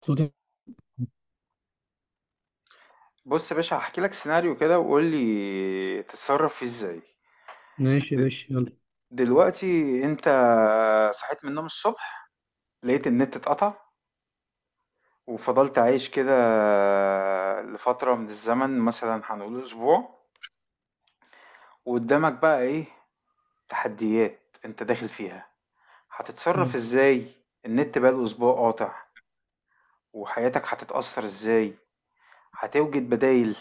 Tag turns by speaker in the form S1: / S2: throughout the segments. S1: صوتك.
S2: بص يا باشا هحكي لك سيناريو كده وقول لي تتصرف فيه ازاي.
S1: ماشي يا
S2: د-
S1: باشا يلا.
S2: دلوقتي انت صحيت من النوم الصبح، لقيت النت اتقطع وفضلت عايش كده لفترة من الزمن، مثلا هنقول اسبوع. وقدامك بقى ايه تحديات انت داخل فيها؟
S1: آه.
S2: هتتصرف ازاي؟ النت بقى الاسبوع قاطع، وحياتك هتتأثر ازاي؟ هتوجد بدايل؟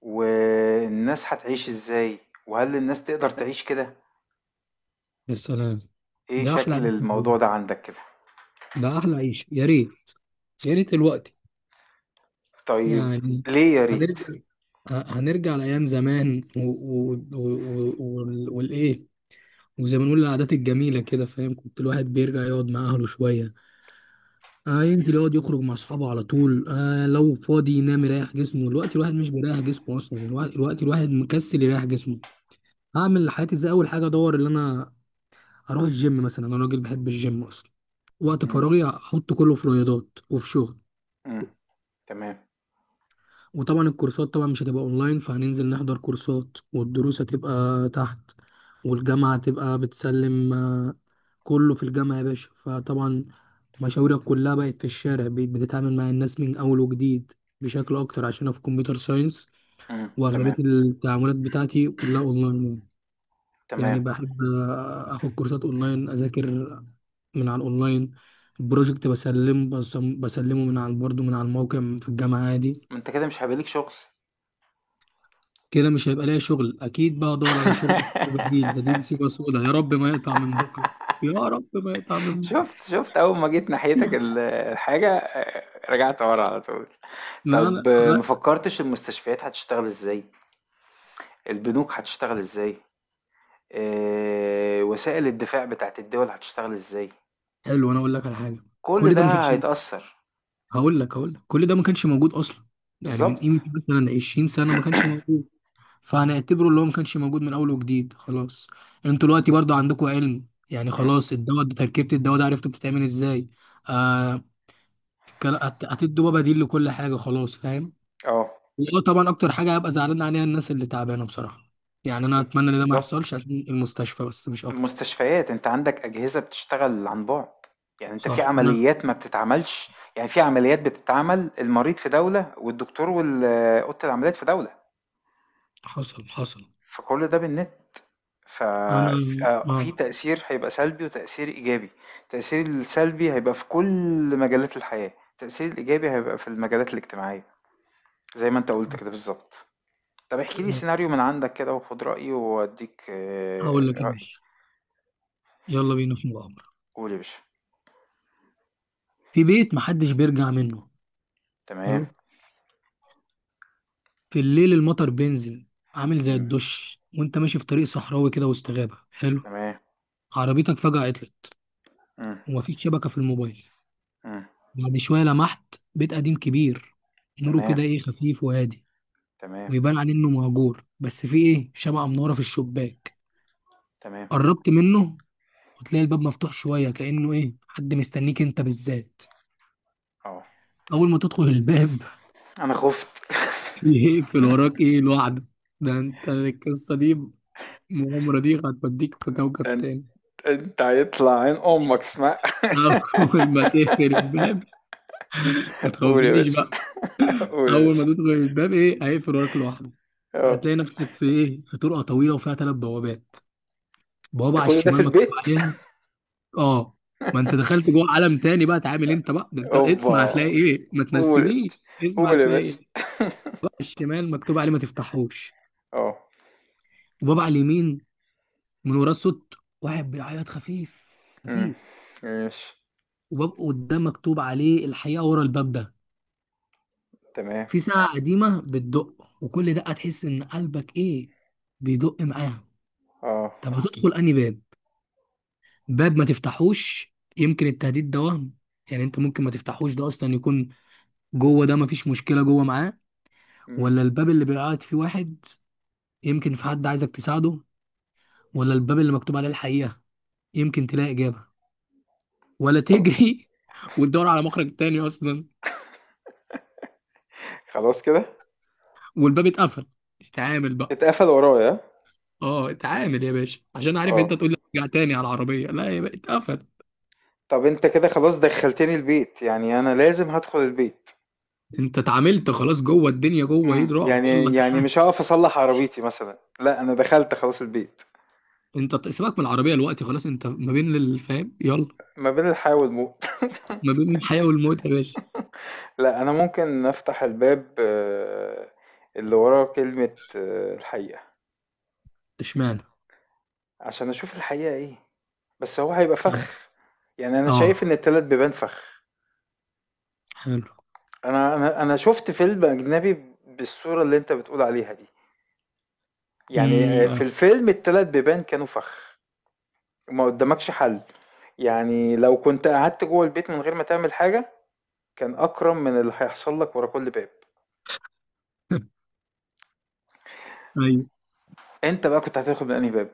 S2: والناس هتعيش ازاي؟ وهل الناس تقدر تعيش كده؟
S1: يا سلام.
S2: إيه
S1: ده احلى عيش
S2: شكل الموضوع
S1: موجود.
S2: ده عندك كده؟
S1: ده احلى عيش يا ريت، يا ريت الوقت
S2: طيب،
S1: يعني
S2: ليه يا ريت؟
S1: هنرجع، هنرجع لايام زمان والايه، وزي ما نقول العادات الجميله كده، فاهم؟ كنت الواحد بيرجع يقعد مع اهله شويه، آه ينزل يقعد يخرج مع اصحابه على طول، آه لو فاضي ينام يريح جسمه. دلوقتي الواحد مش بيريح جسمه اصلا، الوقت الواحد مكسل يريح جسمه. هعمل حياتي ازاي؟ اول حاجه ادور اللي انا، هروح الجيم مثلا، انا راجل بحب الجيم اصلا. وقت
S2: إمم،
S1: فراغي هحط كله في رياضات وفي شغل.
S2: إمم، تمام،
S1: وطبعا الكورسات طبعا مش هتبقى اونلاين، فهننزل نحضر كورسات، والدروس هتبقى تحت، والجامعة هتبقى بتسلم، آه، كله في الجامعة يا باشا. فطبعا مشاورك كلها بقت في الشارع، بقيت بتتعامل مع الناس من اول وجديد بشكل اكتر، عشان انا في كمبيوتر ساينس
S2: تمام،
S1: واغلبية التعاملات بتاعتي كلها اونلاين يعني. يعني
S2: تمام،
S1: بحب اخد كورسات اونلاين، اذاكر من على الاونلاين، بروجكت بسلمه، بسلمه من على، برضه من على الموقع في الجامعه، عادي.
S2: ما أنت كده مش هيبقى ليك شغل.
S1: كده مش هيبقى ليا شغل، اكيد بقى ادور على شغل بديل. بديل سيبه، سودا يا رب ما يقطع من بكره. يا رب ما يقطع من بكره.
S2: شُفت، شُفت أول ما جيت ناحيتك الحاجة رجعت ورا على طول.
S1: لا
S2: طب
S1: لا
S2: آه، ما
S1: لا.
S2: فكرتش المستشفيات هتشتغل إزاي، البنوك هتشتغل إزاي، وسائل الدفاع بتاعة الدول هتشتغل إزاي،
S1: حلو، انا اقول لك على حاجه.
S2: كل
S1: كل ده ما
S2: ده
S1: كانش،
S2: هيتأثر،
S1: هقول لك كل ده ما كانش موجود اصلا. يعني من
S2: بالضبط.
S1: قيمه مثلا 20 سنه ما كانش موجود، فهنعتبره اللي هو ما كانش موجود من اول وجديد، خلاص. انتوا دلوقتي برضو عندكم علم يعني،
S2: إمم،
S1: خلاص الدواء ده تركيبة الدواء ده عرفتوا بتتعمل ازاي. آه. هتدوا بقى بديل لكل حاجة، خلاص، فاهم.
S2: آه،
S1: اه طبعا اكتر حاجة هبقى زعلان عليها الناس اللي تعبانة، بصراحة. يعني انا
S2: ب
S1: اتمنى ان ده ما
S2: بالضبط.
S1: يحصلش عشان المستشفى بس، مش اكتر.
S2: المستشفيات أنت عندك أجهزة بتشتغل عن بُعد، يعني أنت في
S1: صح. انا
S2: عمليات ما بتتعملش، يعني في عمليات بتتعمل المريض في دولة والدكتور أوضة العمليات في دولة،
S1: حصل.
S2: فكل ده بالنت، ف
S1: انا
S2: ففي
S1: اه،
S2: تأثير هيبقى سلبي وتأثير إيجابي، التأثير السلبي هيبقى في كل مجالات الحياة، التأثير الإيجابي هيبقى في المجالات الاجتماعية زي ما أنت قُلت كده بالضبط. طب احكِ لي سيناريو من عندك كده وخُد رأيي وأدّيك.
S1: هقول لك ايه ماشي، يلا بينا في مغامرة.
S2: قُل يا باشا.
S1: في بيت محدش بيرجع منه.
S2: تمام،
S1: حلو، في الليل المطر بينزل عامل زي
S2: إمم،
S1: الدش، وانت ماشي في طريق صحراوي كده وسط غابة. حلو،
S2: تمام،
S1: عربيتك فجأة عطلت،
S2: إمم.
S1: ومفيش شبكة في الموبايل.
S2: إمم.
S1: بعد شوية لمحت بيت قديم كبير، نوره
S2: تمام،
S1: كده ايه، خفيف وهادي،
S2: تمام،
S1: ويبان عليه انه مهجور، بس في ايه، شمعة منورة في الشباك.
S2: تمام،
S1: قربت منه، وتلاقي الباب مفتوح شوية كأنه ايه، حد مستنيك انت بالذات.
S2: آه.
S1: أول ما تدخل الباب
S2: أنا خُفت.
S1: يقفل وراك ايه لوحده. ده انت القصة دي، المغامرة دي هتوديك في كوكب
S2: ده أن
S1: تاني.
S2: أنت هيطلع عين أمك اسمع.
S1: اول ما تقفل الباب، ما
S2: قُل يا
S1: تخوفنيش
S2: باشا،
S1: بقى.
S2: قُل يا
S1: اول ما
S2: باشا،
S1: تدخل الباب ايه، هيقفل وراك لوحده.
S2: آه.
S1: هتلاقي نفسك في ايه، في طرقه طويله وفيها ثلاث بوابات. بوابه
S2: ده
S1: على
S2: كل ده في
S1: الشمال مكتوب
S2: البيت؟
S1: عليها، اه ما انت دخلت جوه عالم تاني بقى، تعامل انت بقى، ده انت اسمع
S2: أوبا!
S1: هتلاقي ايه، ما
S2: قُل يا
S1: تنسينيش.
S2: باشا،
S1: اسمع
S2: قُل يا
S1: هتلاقي ايه.
S2: باشا.
S1: بقى على الشمال مكتوب عليه ما تفتحوش.
S2: آه.
S1: وباب على اليمين، من وراه صوت واحد بيعيط خفيف
S2: إمم.
S1: خفيف.
S2: ماشي،
S1: وباب قدام مكتوب عليه الحقيقه، ورا الباب ده
S2: تمام،
S1: في ساعة قديمة بتدق، وكل دقة تحس إن قلبك إيه، بيدق معاها.
S2: آه.
S1: طب هتدخل أنهي باب؟ باب ما تفتحوش يمكن التهديد ده وهم، يعني أنت ممكن ما تفتحوش ده أصلا، يكون جوه ده مفيش مشكلة جوه معاه.
S2: إمم.
S1: ولا الباب اللي بيبقى قاعد فيه واحد، يمكن في حد عايزك تساعده. ولا الباب اللي مكتوب عليه الحقيقة، يمكن تلاقي إجابة. ولا
S2: خل
S1: تجري وتدور على مخرج تاني أصلا.
S2: خلاص كده؟
S1: والباب اتقفل، اتعامل بقى.
S2: اتقفل ورايا،
S1: اه اتعامل يا باشا، عشان عارف
S2: آه.
S1: انت تقول لي ارجع تاني على العربيه، لا يا باشا، اتقفل.
S2: طَب أنت كده خلاص دخّلتني البيت، يعني أنا لازم هادخل البيت.
S1: انت اتعاملت خلاص، جوه الدنيا، جوه ايه،
S2: امم،
S1: رعب،
S2: يعني
S1: يلا
S2: مش هقف اصلح عربيتي مثلا، لا انا دخلت خلاص البيت،
S1: انت سيبك من العربيه دلوقتي، خلاص انت ما بين الفهم، يلا.
S2: ما بين الحياة والموت.
S1: ما بين الحياه والموت يا باشا.
S2: لا انا ممكن افتح الباب، آه، اللي وراه كلمة آه، الحقيقة،
S1: اشمعنى؟
S2: عشان اشوف الحقيقة ايه. بس هو هيبقى
S1: طب
S2: فخ، يعني انا شايف
S1: اه،
S2: ان التلات بيبان فخ.
S1: حلو.
S2: انا شفت فيلم اجنبي بالصورة اللي انت بتقول عليها دي، يعني آه، في
S1: اه.
S2: الفيلم التلات بيبان كانوا فخ. ما قدامكش حل، يعني لو كنت قعدت جوه البيت من غير ما تعمل حاجة، كان أكرم من اللي هيحصل لك ورا كل باب.
S1: ايوه.
S2: أنت بقى كنت هتدخل من أنهي باب؟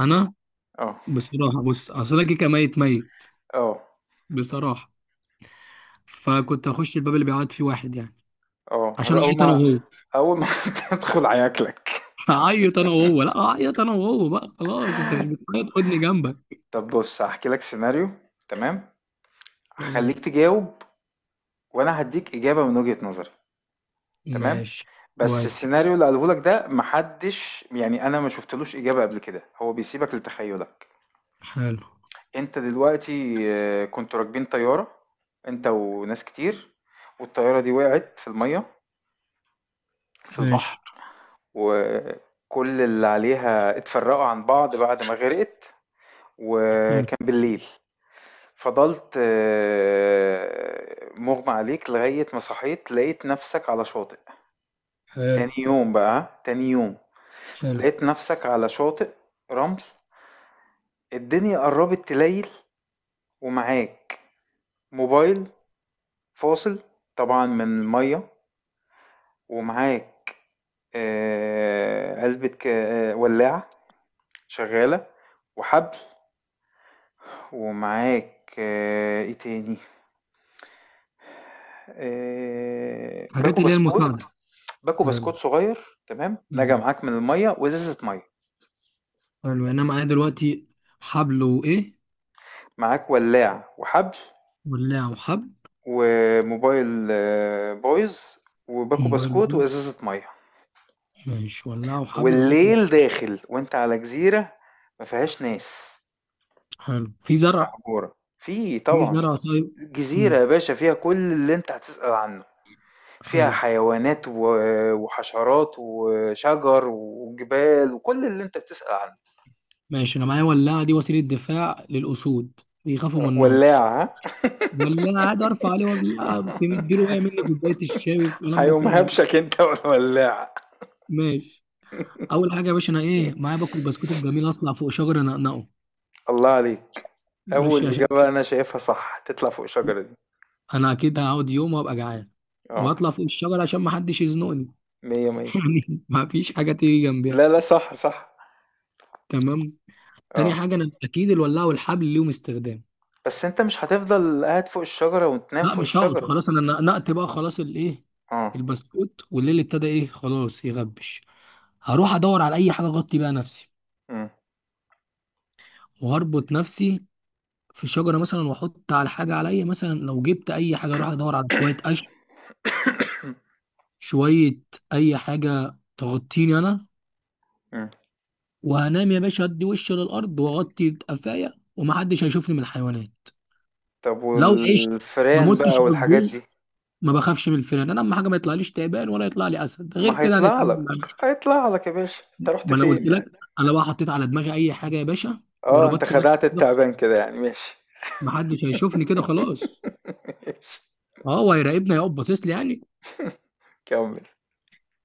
S1: انا
S2: اه،
S1: بصراحه بص، اصل انا كيكه ميت ميت،
S2: اه،
S1: بصراحه. فكنت هخش الباب اللي بيعيط فيه واحد، يعني
S2: اه.
S1: عشان
S2: هذا أول
S1: اعيط انا
S2: ما
S1: وهو.
S2: أول ما تدخل هياكلك.
S1: هعيط انا وهو، لا اعيط انا وهو بقى، خلاص انت مش بتعيط، خدني جنبك.
S2: طب بص هحكي لك سيناريو، تمام،
S1: تمام.
S2: هخليك تجاوب وأنا هديك إجابة من وجهة نظري. تمام.
S1: ماشي.
S2: بس
S1: كويس.
S2: السيناريو اللي قاله لك ده محدش، يعني أنا ما شفتلوش إجابة قبل كده، هو بيسيبك لتخيلك.
S1: حلو.
S2: أنت دلوقتي آه، كنتوا راكبين طيارة، أنت وناس كتير، والطيارة دي وقعت في المية، في البحر،
S1: ماشي.
S2: وكل اللي عليها اتفرقوا عن بعض بعد ما غرقت،
S1: حلو.
S2: وكان بالليل. فضلت آه، مغمى عليك لغاية ما صحيت لقيت نفسك على شاطئ،
S1: حلو.
S2: تاني يوم بقى، تاني يوم
S1: حلو.
S2: لقيت نفسك على شاطئ رمل، الدنيا قربت تليل، ومعاك موبايل فاصل طبعا من المية، ومعاك آه، ولاعة شغالة وحبل، ومعاك آه، ايه تاني، آه، باكو
S1: حاجات اللي هي
S2: بسكوت،
S1: المساعدة.
S2: باكو
S1: حلو.
S2: بسكوت صغير تمام نجا معاك من المية، وازازة مية.
S1: حلو، يعني أنا معايا دلوقتي حبل وإيه؟
S2: معاك ولاع وحبل
S1: ولاعة وحبل.
S2: وموبايل آه، بايظ، وباكو
S1: موبايل
S2: بسكوت
S1: بوي.
S2: وازازة مية.
S1: ماشي، ولاعة وحبل وباكو.
S2: والليل داخل وانت على جزيرة ما فيهاش ناس،
S1: حلو، في زرع؟
S2: محجورة في
S1: في
S2: طبعا،
S1: زرع، طيب.
S2: جزيرة
S1: امم.
S2: يا باشا فيها كل اللي انت هتسأل عنه، فيها
S1: حلو.
S2: حيوانات وحشرات وشجر وجبال وكل اللي انت بتسأل عنه.
S1: ماشي، أنا معايا ولاعة، دي وسيلة دفاع للأسود، بيخافوا من النار.
S2: ولاعة ها؟
S1: ولاعة، عادي، أرفع عليه ولاعة مديله، وقع مني كوباية الشاي والكلام
S2: هيقوم
S1: بتاع.
S2: هبشك انت والولاعة.
S1: ماشي. أول حاجة يا باشا، أنا إيه معايا، باكل بسكوت الجميل، أطلع فوق شجرة أنقنقه.
S2: الله عليك. اول
S1: ماشي، عشان
S2: اجابة انا شايفها صح تطلع فوق الشجرة دي.
S1: انا اكيد هقعد يوم وابقى جعان،
S2: اه،
S1: واطلع فوق الشجره عشان ما حدش يزنقني.
S2: مية مية.
S1: يعني ما فيش حاجه تيجي جنبيها.
S2: لا لا، صح صح.
S1: تمام. تاني
S2: اه،
S1: حاجه، انا اكيد الولاعه والحبل ليهم استخدام.
S2: بس انت مش هتفضل قاعد فوق الشجرة وتنام
S1: لا
S2: فوق
S1: مش هقعد،
S2: الشجرة.
S1: خلاص انا نقت بقى خلاص الايه،
S2: اه.
S1: البسكوت، والليل ابتدى ايه، خلاص يغبش. هروح ادور على اي حاجه اغطي بيها نفسي،
S2: مم.
S1: وهربط نفسي في الشجره مثلا، واحط على حاجه عليا مثلا، لو جبت اي حاجه، اروح ادور على شويه قش، شويه اي حاجه تغطيني انا.
S2: مم.
S1: وهنام يا باشا، هدي وشي للارض واغطي قفايا، ومحدش هيشوفني من الحيوانات.
S2: طب
S1: لو عشت ما
S2: والفئران
S1: متش
S2: بقى
S1: من الجوع،
S2: والحاجات دي؟
S1: ما بخافش من الفئران. انا اهم حاجه ما يطلعليش تعبان، ولا يطلع لي اسد، غير
S2: ما
S1: كده
S2: هيطلع
S1: هنتعامل
S2: لك،
S1: معاه.
S2: هيطلع لك يا باشا، انت رحت
S1: ما انا قلت
S2: فين يعني؟
S1: لك، انا بقى حطيت على دماغي اي حاجه يا باشا،
S2: اه، انت
S1: وربطت
S2: خدعت
S1: نفسي كده،
S2: التعبان كده يعني، ماشي.
S1: محدش هيشوفني كده خلاص.
S2: ماشي،
S1: اه هو هيراقبني، هيقف باصص لي يعني.
S2: كمل.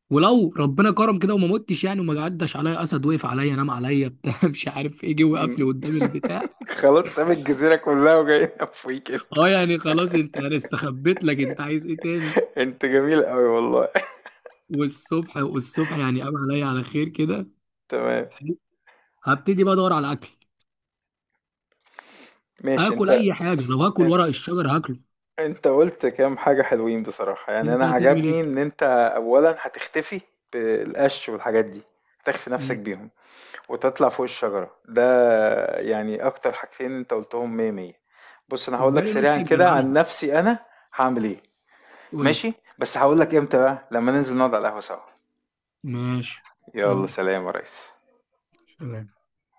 S1: ولو ربنا كرم كده وما متش يعني، وما عداش عليا اسد وقف عليا نام عليا بتاع مش عارف ايه، جه وقف لي
S2: مم.
S1: قدام البتاع.
S2: خلاص ساب الجزيرة كلها وجاي نفويك انت.
S1: اه يعني خلاص، انت انا استخبيت لك، انت عايز ايه تاني؟
S2: انت جميل قوي والله.
S1: والصبح، والصبح يعني قام عليا على خير كده.
S2: تمام.
S1: حلو. هبتدي بقى ادور على اكل،
S2: ماشي
S1: هاكل
S2: انت.
S1: اي حاجه، لو هاكل
S2: ان-
S1: ورق الشجر هاكله.
S2: انت قلت كام حاجة حلوين بصراحة، يعني
S1: انت
S2: انا
S1: هتعمل ايه؟
S2: عجبني ان انت اولا هتختفي بالقش والحاجات دي، هتخفي نفسك
S1: مم.
S2: بيهم، وتطلع فوق الشجرة ده. يعني اكتر حاجتين انت قلتهم مية مية. بص انا هقول لك
S1: اداني نص
S2: سريعا كده
S1: الجدعنه،
S2: عن نفسي، انا هعمل ايه.
S1: قول لي.
S2: ماشي، بس هقول لك امتى بقى لما ننزل نقعد على القهوة سوا.
S1: ماشي.
S2: يلا
S1: يلا
S2: سلام يا ريس.
S1: سلام.